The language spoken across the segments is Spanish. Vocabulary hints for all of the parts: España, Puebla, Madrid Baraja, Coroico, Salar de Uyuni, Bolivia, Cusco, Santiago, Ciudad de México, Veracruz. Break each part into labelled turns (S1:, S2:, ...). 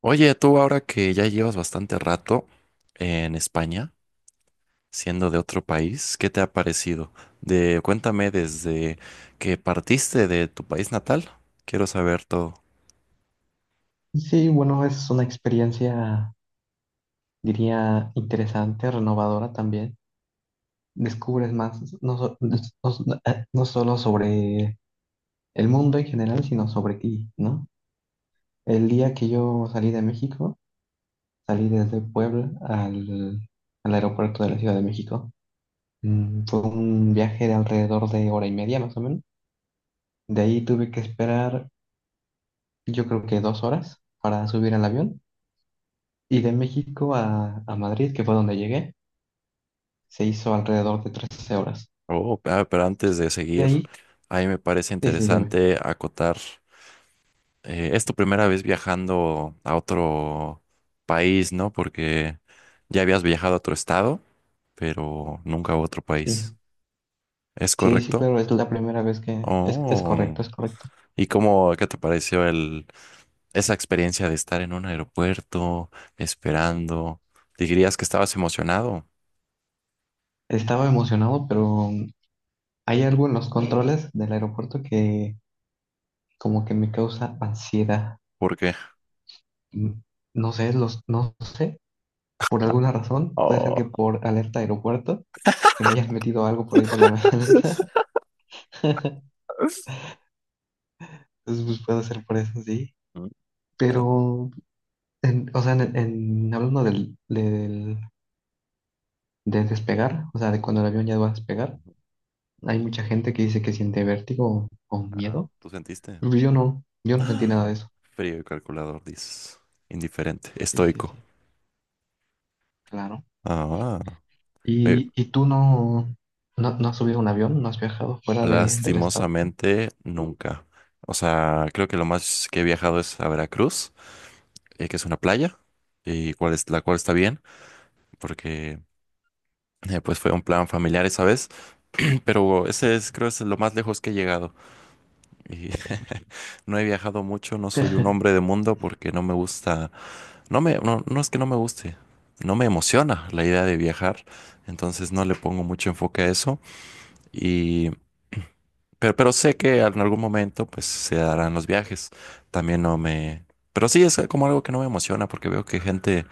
S1: Oye, tú ahora que ya llevas bastante rato en España, siendo de otro país, ¿qué te ha parecido? De, cuéntame desde que partiste de tu país natal. Quiero saber todo.
S2: Sí, bueno, es una experiencia, diría, interesante, renovadora también. Descubres más, no, no solo sobre el mundo en general, sino sobre ti, ¿no? El día que yo salí de México, salí desde Puebla al aeropuerto de la Ciudad de México. Fue un viaje de alrededor de 1 hora y media, más o menos. De ahí tuve que esperar, yo creo que 2 horas para subir al avión. Y de México a Madrid, que fue donde llegué. Se hizo alrededor de 13 horas.
S1: Oh, ah, pero antes de
S2: De
S1: seguir,
S2: ahí,
S1: ahí me parece
S2: sí, sí, dime.
S1: interesante acotar. Es tu primera vez viajando a otro país, ¿no? Porque ya habías viajado a otro estado, pero nunca a otro país.
S2: Sí,
S1: ¿Es
S2: sí, sí,
S1: correcto?
S2: claro, es la primera vez que... es
S1: Oh.
S2: correcto, es correcto.
S1: ¿Y cómo, qué te pareció el esa experiencia de estar en un aeropuerto esperando. ¿Dirías que estabas emocionado?
S2: Estaba emocionado, pero hay algo en los controles del aeropuerto que como que me causa ansiedad.
S1: ¿Por qué?
S2: Mm, No sé, no sé, por alguna razón, puede ser que
S1: Oh,
S2: por alerta aeropuerto, que me hayas metido algo por ahí por la maleta. Entonces, pues puede ser por eso, sí.
S1: mm, ah,
S2: Pero, hablando del de despegar, o sea, de cuando el avión ya va a despegar.
S1: ujú.
S2: Hay mucha gente que dice que siente vértigo o
S1: Ah,
S2: miedo.
S1: ¿tú sentiste?
S2: Pues yo no, yo no sentí nada de
S1: ¡Ah!
S2: eso.
S1: Frío y calculador, dices. Indiferente,
S2: Sí, sí,
S1: estoico.
S2: sí, claro.
S1: Ah, eh,
S2: Y tú no, no has subido un avión? ¿No has viajado fuera de, del estado?
S1: lastimosamente, nunca. O sea, creo que lo más que he viajado es a Veracruz, que es una playa, y cual es, la cual está bien, porque pues fue un plan familiar esa vez, pero ese es, creo, es lo más lejos que he llegado. Y no he viajado mucho, no soy un hombre de mundo porque no me gusta, no me, no, no es que no me guste, no me emociona la idea de viajar, entonces no le pongo mucho enfoque a eso y Pero sé que en algún momento pues se darán los viajes. También no me... Pero sí, es como algo que no me emociona porque veo que gente,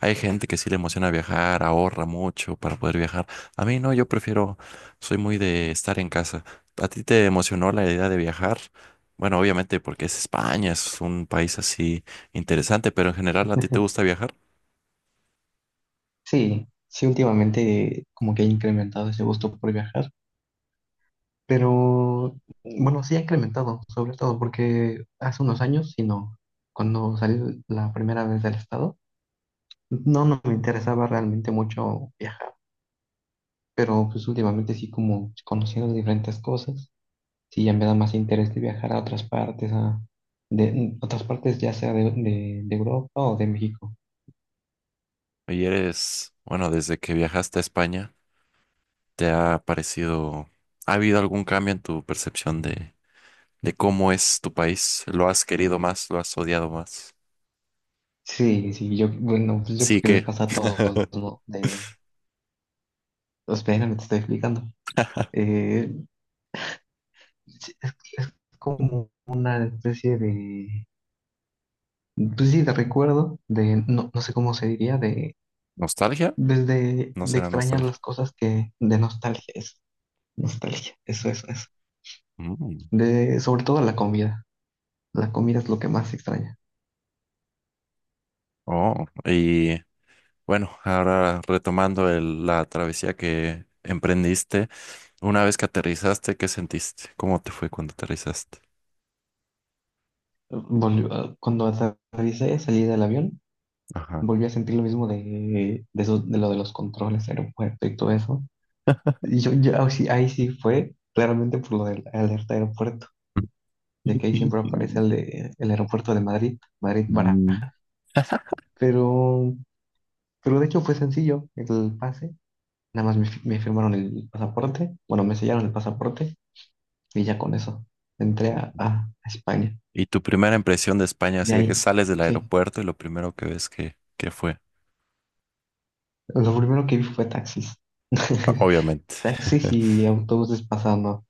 S1: hay gente que sí le emociona viajar, ahorra mucho para poder viajar. A mí no, yo prefiero, soy muy de estar en casa. ¿A ti te emocionó la idea de viajar? Bueno, obviamente porque es España, es un país así interesante, pero en general, ¿a ti te gusta viajar?
S2: Sí, sí, últimamente como que ha incrementado ese gusto por viajar, pero bueno, sí ha incrementado, sobre todo porque hace unos años, si no, cuando salí la primera vez del estado, no, no me interesaba realmente mucho viajar. Pero pues últimamente sí como conociendo diferentes cosas, sí ya me da más interés de viajar a otras partes, otras partes ya sea de Europa o de México.
S1: Y eres, bueno, desde que viajaste a España, ¿te ha parecido, ha habido algún cambio en tu percepción de cómo es tu país. ¿Lo has querido más? ¿Lo has odiado más?
S2: Sí, sí, yo, bueno, pues yo creo
S1: Sí,
S2: que le
S1: ¿qué?
S2: pasa a todos, ¿no? De, espera, me te estoy explicando. Eh, sí, es como una especie de, pues sí, de recuerdo, de, no, no sé cómo se diría,
S1: ¿Nostalgia? No
S2: de
S1: será
S2: extrañar
S1: nostalgia.
S2: las cosas que, de nostalgia, es nostalgia, eso, eso, eso.
S1: Mm.
S2: De, sobre todo la comida. La comida es lo que más extraña.
S1: Oh, y bueno, ahora retomando el- la travesía que emprendiste, una vez que aterrizaste, ¿qué sentiste? ¿Cómo te fue cuando aterrizaste?
S2: Cuando aterricé, salí del avión,
S1: Ajá.
S2: volví a sentir lo mismo de lo de los controles, aeropuerto y todo eso. Y yo ahí sí fue claramente por lo del alerta aeropuerto, de que ahí siempre aparece el aeropuerto de Madrid, Madrid Baraja.
S1: Mm.
S2: Pero, pero de hecho fue sencillo el pase. Nada más me firmaron el pasaporte, bueno, me sellaron el pasaporte y ya con eso entré
S1: Oh.
S2: a España.
S1: ¿Y tu primera impresión de España,
S2: De
S1: así de que
S2: ahí.
S1: sales del
S2: Sí,
S1: aeropuerto y lo primero que ves que fue?
S2: lo primero que vi fue taxis.
S1: Ah, obviamente.
S2: Taxis y autobuses pasando.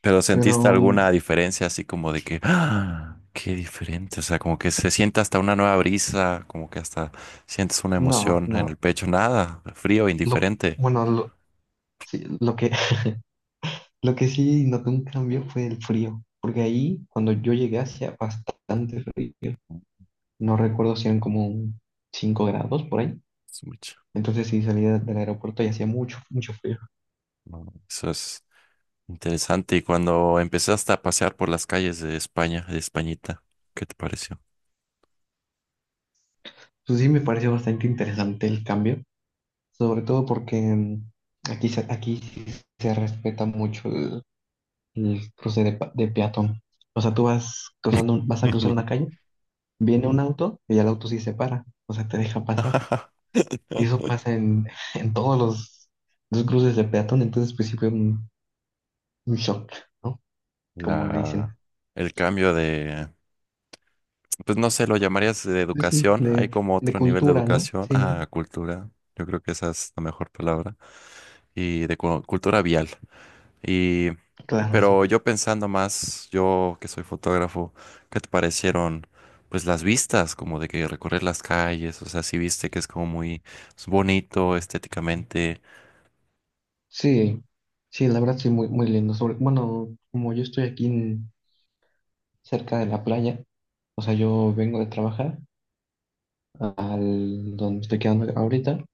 S1: Pero
S2: Pero
S1: ¿sentiste
S2: mm,
S1: alguna diferencia así como de que, ¡ah! Qué diferente? O sea, como que se siente hasta una nueva brisa, como que hasta sientes una
S2: no,
S1: emoción en el
S2: no.
S1: pecho, nada, frío,
S2: Lo que,
S1: indiferente.
S2: bueno, lo, sí, lo que, lo que sí noté un cambio fue el frío. Porque ahí, cuando yo llegué, hacía bastante frío. No recuerdo si eran como un 5 grados por ahí.
S1: Es mucho.
S2: Entonces sí salía del aeropuerto y hacía mucho, mucho frío.
S1: No, eso es interesante. Y cuando empezaste a pasear por las calles de España, de Españita, ¿qué te pareció?
S2: Entonces sí me pareció bastante interesante el cambio. Sobre todo porque mm, aquí sí se respeta mucho el cruce de peatón. O sea, tú vas cruzando, vas a cruzar una calle, viene un auto y el auto sí se para, o sea, te deja pasar. Y eso pasa en todos los cruces de peatón, entonces pues sí fue un shock, ¿no? Como le
S1: La,
S2: dicen.
S1: el cambio de, pues no sé, lo llamarías de
S2: Pues, sí,
S1: educación. Hay como
S2: de
S1: otro nivel de
S2: cultura, ¿no?
S1: educación.
S2: Sí,
S1: Ah, cultura. Yo creo que esa es la mejor palabra. Y de cu- cultura vial. Y,
S2: claro, sí.
S1: pero yo pensando más, yo que soy fotógrafo, ¿qué te parecieron? Pues las vistas, como de que recorrer las calles, o sea, sí viste que es como muy es bonito estéticamente,
S2: Sí, sí, la verdad sí, muy, muy lindo. Bueno, como yo estoy aquí en cerca de la playa, o sea, yo vengo de trabajar al donde me estoy quedando ahorita,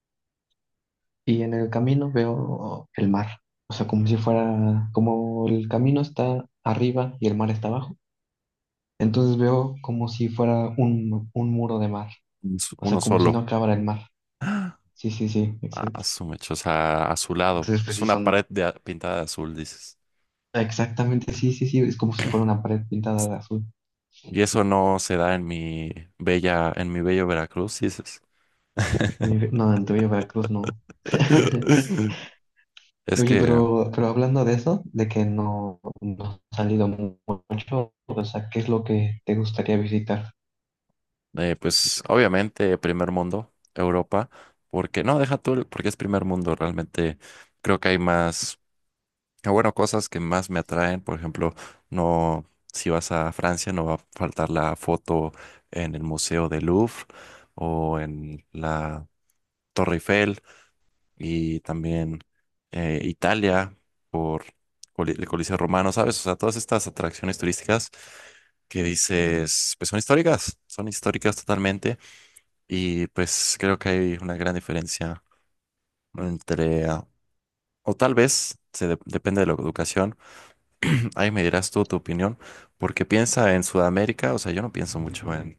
S2: y en el camino veo el mar. O sea, como si fuera, como el camino está arriba y el mar está abajo. Entonces veo como si fuera un muro de mar.
S1: un s-
S2: O
S1: uno
S2: sea, como si no
S1: solo,
S2: acabara el mar. Sí, sí, sí,
S1: a
S2: exacto.
S1: su mecha, o sea, azulado,
S2: Entonces, pues
S1: es
S2: sí,
S1: una
S2: son...
S1: pared de a- pintada de azul, dices.
S2: Exactamente, sí, sí, sí. Es como si fuera una pared pintada de azul.
S1: Y eso no se da en mi bella, en mi bello Veracruz, dices.
S2: Y dije, no, en tu Villa Veracruz no.
S1: Es
S2: Oye,
S1: que,
S2: pero hablando de eso, de que no, no has salido mucho, o sea, ¿qué es lo que te gustaría visitar?
S1: pues, obviamente, primer mundo, Europa, porque, no, deja tú, el- porque es primer mundo, realmente creo que hay más, ah, bueno, cosas que más me atraen, por ejemplo, no, si vas a Francia, no va a faltar la foto en el Museo del Louvre o en la Torre Eiffel, y también Italia por Coli- el Coliseo Romano, ¿sabes? O sea, todas estas atracciones turísticas que dices, pues son históricas totalmente y pues creo que hay una gran diferencia entre, ah, o tal vez, se de- depende de la educación, ahí me dirás tú tu opinión, porque piensa en Sudamérica, o sea, yo no pienso mucho en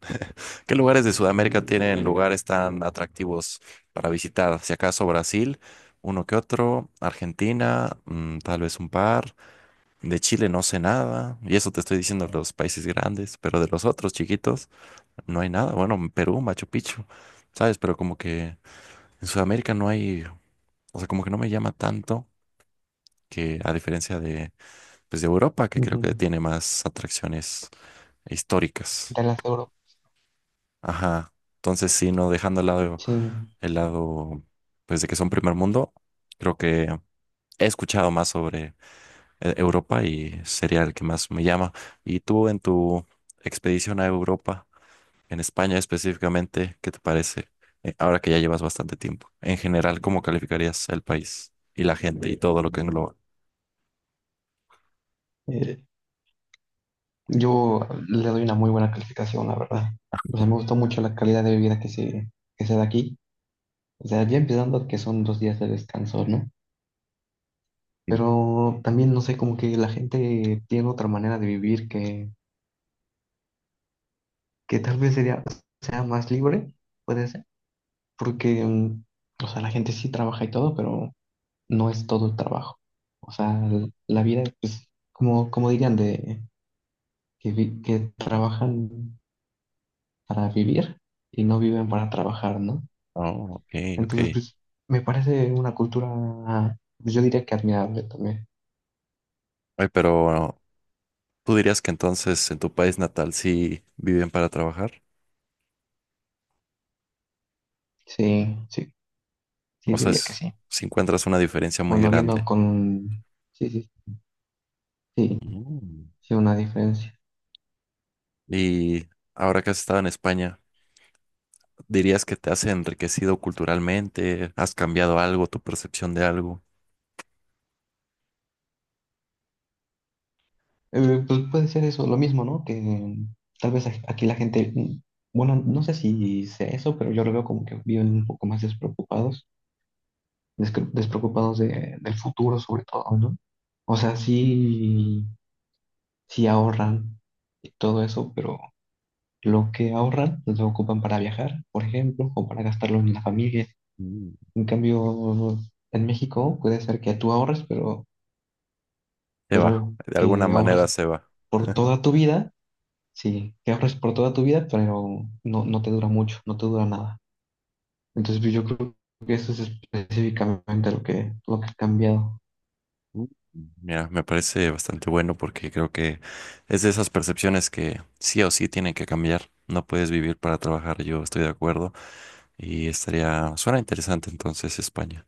S1: ¿qué lugares de Sudamérica tienen lugares tan atractivos para visitar? Si acaso Brasil, uno que otro, Argentina, tal vez un par. De Chile no sé nada, y eso te estoy diciendo de los países grandes, pero de los otros chiquitos no hay nada. Bueno, Perú, Machu Picchu, ¿sabes? Pero como que en Sudamérica no hay, o sea, como que no me llama tanto que a diferencia de, pues, de Europa, que creo que
S2: Ujú.
S1: tiene más atracciones históricas.
S2: De las Europas.
S1: Ajá. Entonces, sí, no dejando al lado
S2: Sí,
S1: el lado, pues de que son primer mundo, creo que he escuchado más sobre Europa y sería el que más me llama. ¿Y tú en tu expedición a Europa, en España específicamente, qué te parece? Ahora que ya llevas bastante tiempo. En general, ¿cómo calificarías el país y la gente y todo lo que engloba?
S2: eh, yo le doy una muy buena calificación, la verdad. O sea, me gustó mucho la calidad de vida que se da aquí. O sea, ya empezando que son 2 días de descanso, ¿no? Pero también, no sé, como que la gente tiene otra manera de vivir que tal vez sería, sea más libre, puede ser. Porque, mm, o sea, la gente sí trabaja y todo, pero no es todo el trabajo. O sea, la vida, pues, como, como dirían, que trabajan para vivir y no viven para trabajar, ¿no?
S1: Oh, ok, ok.
S2: Entonces, pues, me parece una cultura, pues yo diría que admirable también.
S1: Ay, pero ¿tú dirías que entonces en tu país natal sí viven para trabajar?
S2: Sí, sí, sí,
S1: O sea,
S2: diría que
S1: es-
S2: sí.
S1: si encuentras una diferencia muy
S2: Bueno, viendo
S1: grande.
S2: con, sí, sí, sí,
S1: Mm.
S2: sí, una diferencia.
S1: Y ahora que has estado en España, ¿dirías que te has enriquecido culturalmente? ¿Has cambiado algo, tu percepción de algo?
S2: Pues puede ser eso, lo mismo, ¿no? Que tal vez aquí la gente, mm, bueno, no sé si sea eso, pero yo lo veo como que viven un poco más despreocupados, despreocupados del futuro sobre todo, ¿no? O sea, sí, sí ahorran y todo eso, pero lo que ahorran pues, lo ocupan para viajar, por ejemplo, o para gastarlo en la familia.
S1: Mm.
S2: En cambio, en México puede ser que tú ahorres,
S1: Se va,
S2: pero
S1: de alguna
S2: que
S1: manera
S2: ahorres
S1: se va.
S2: por toda tu vida. Sí, que ahorres por toda tu vida, pero no, no te dura mucho, no te dura nada. Entonces, pues, yo creo que eso es específicamente lo que ha cambiado.
S1: Mm. Mira, me parece bastante bueno porque creo que es de esas percepciones que sí o sí tienen que cambiar. No puedes vivir para trabajar, yo estoy de acuerdo. Y estaría, suena interesante entonces España.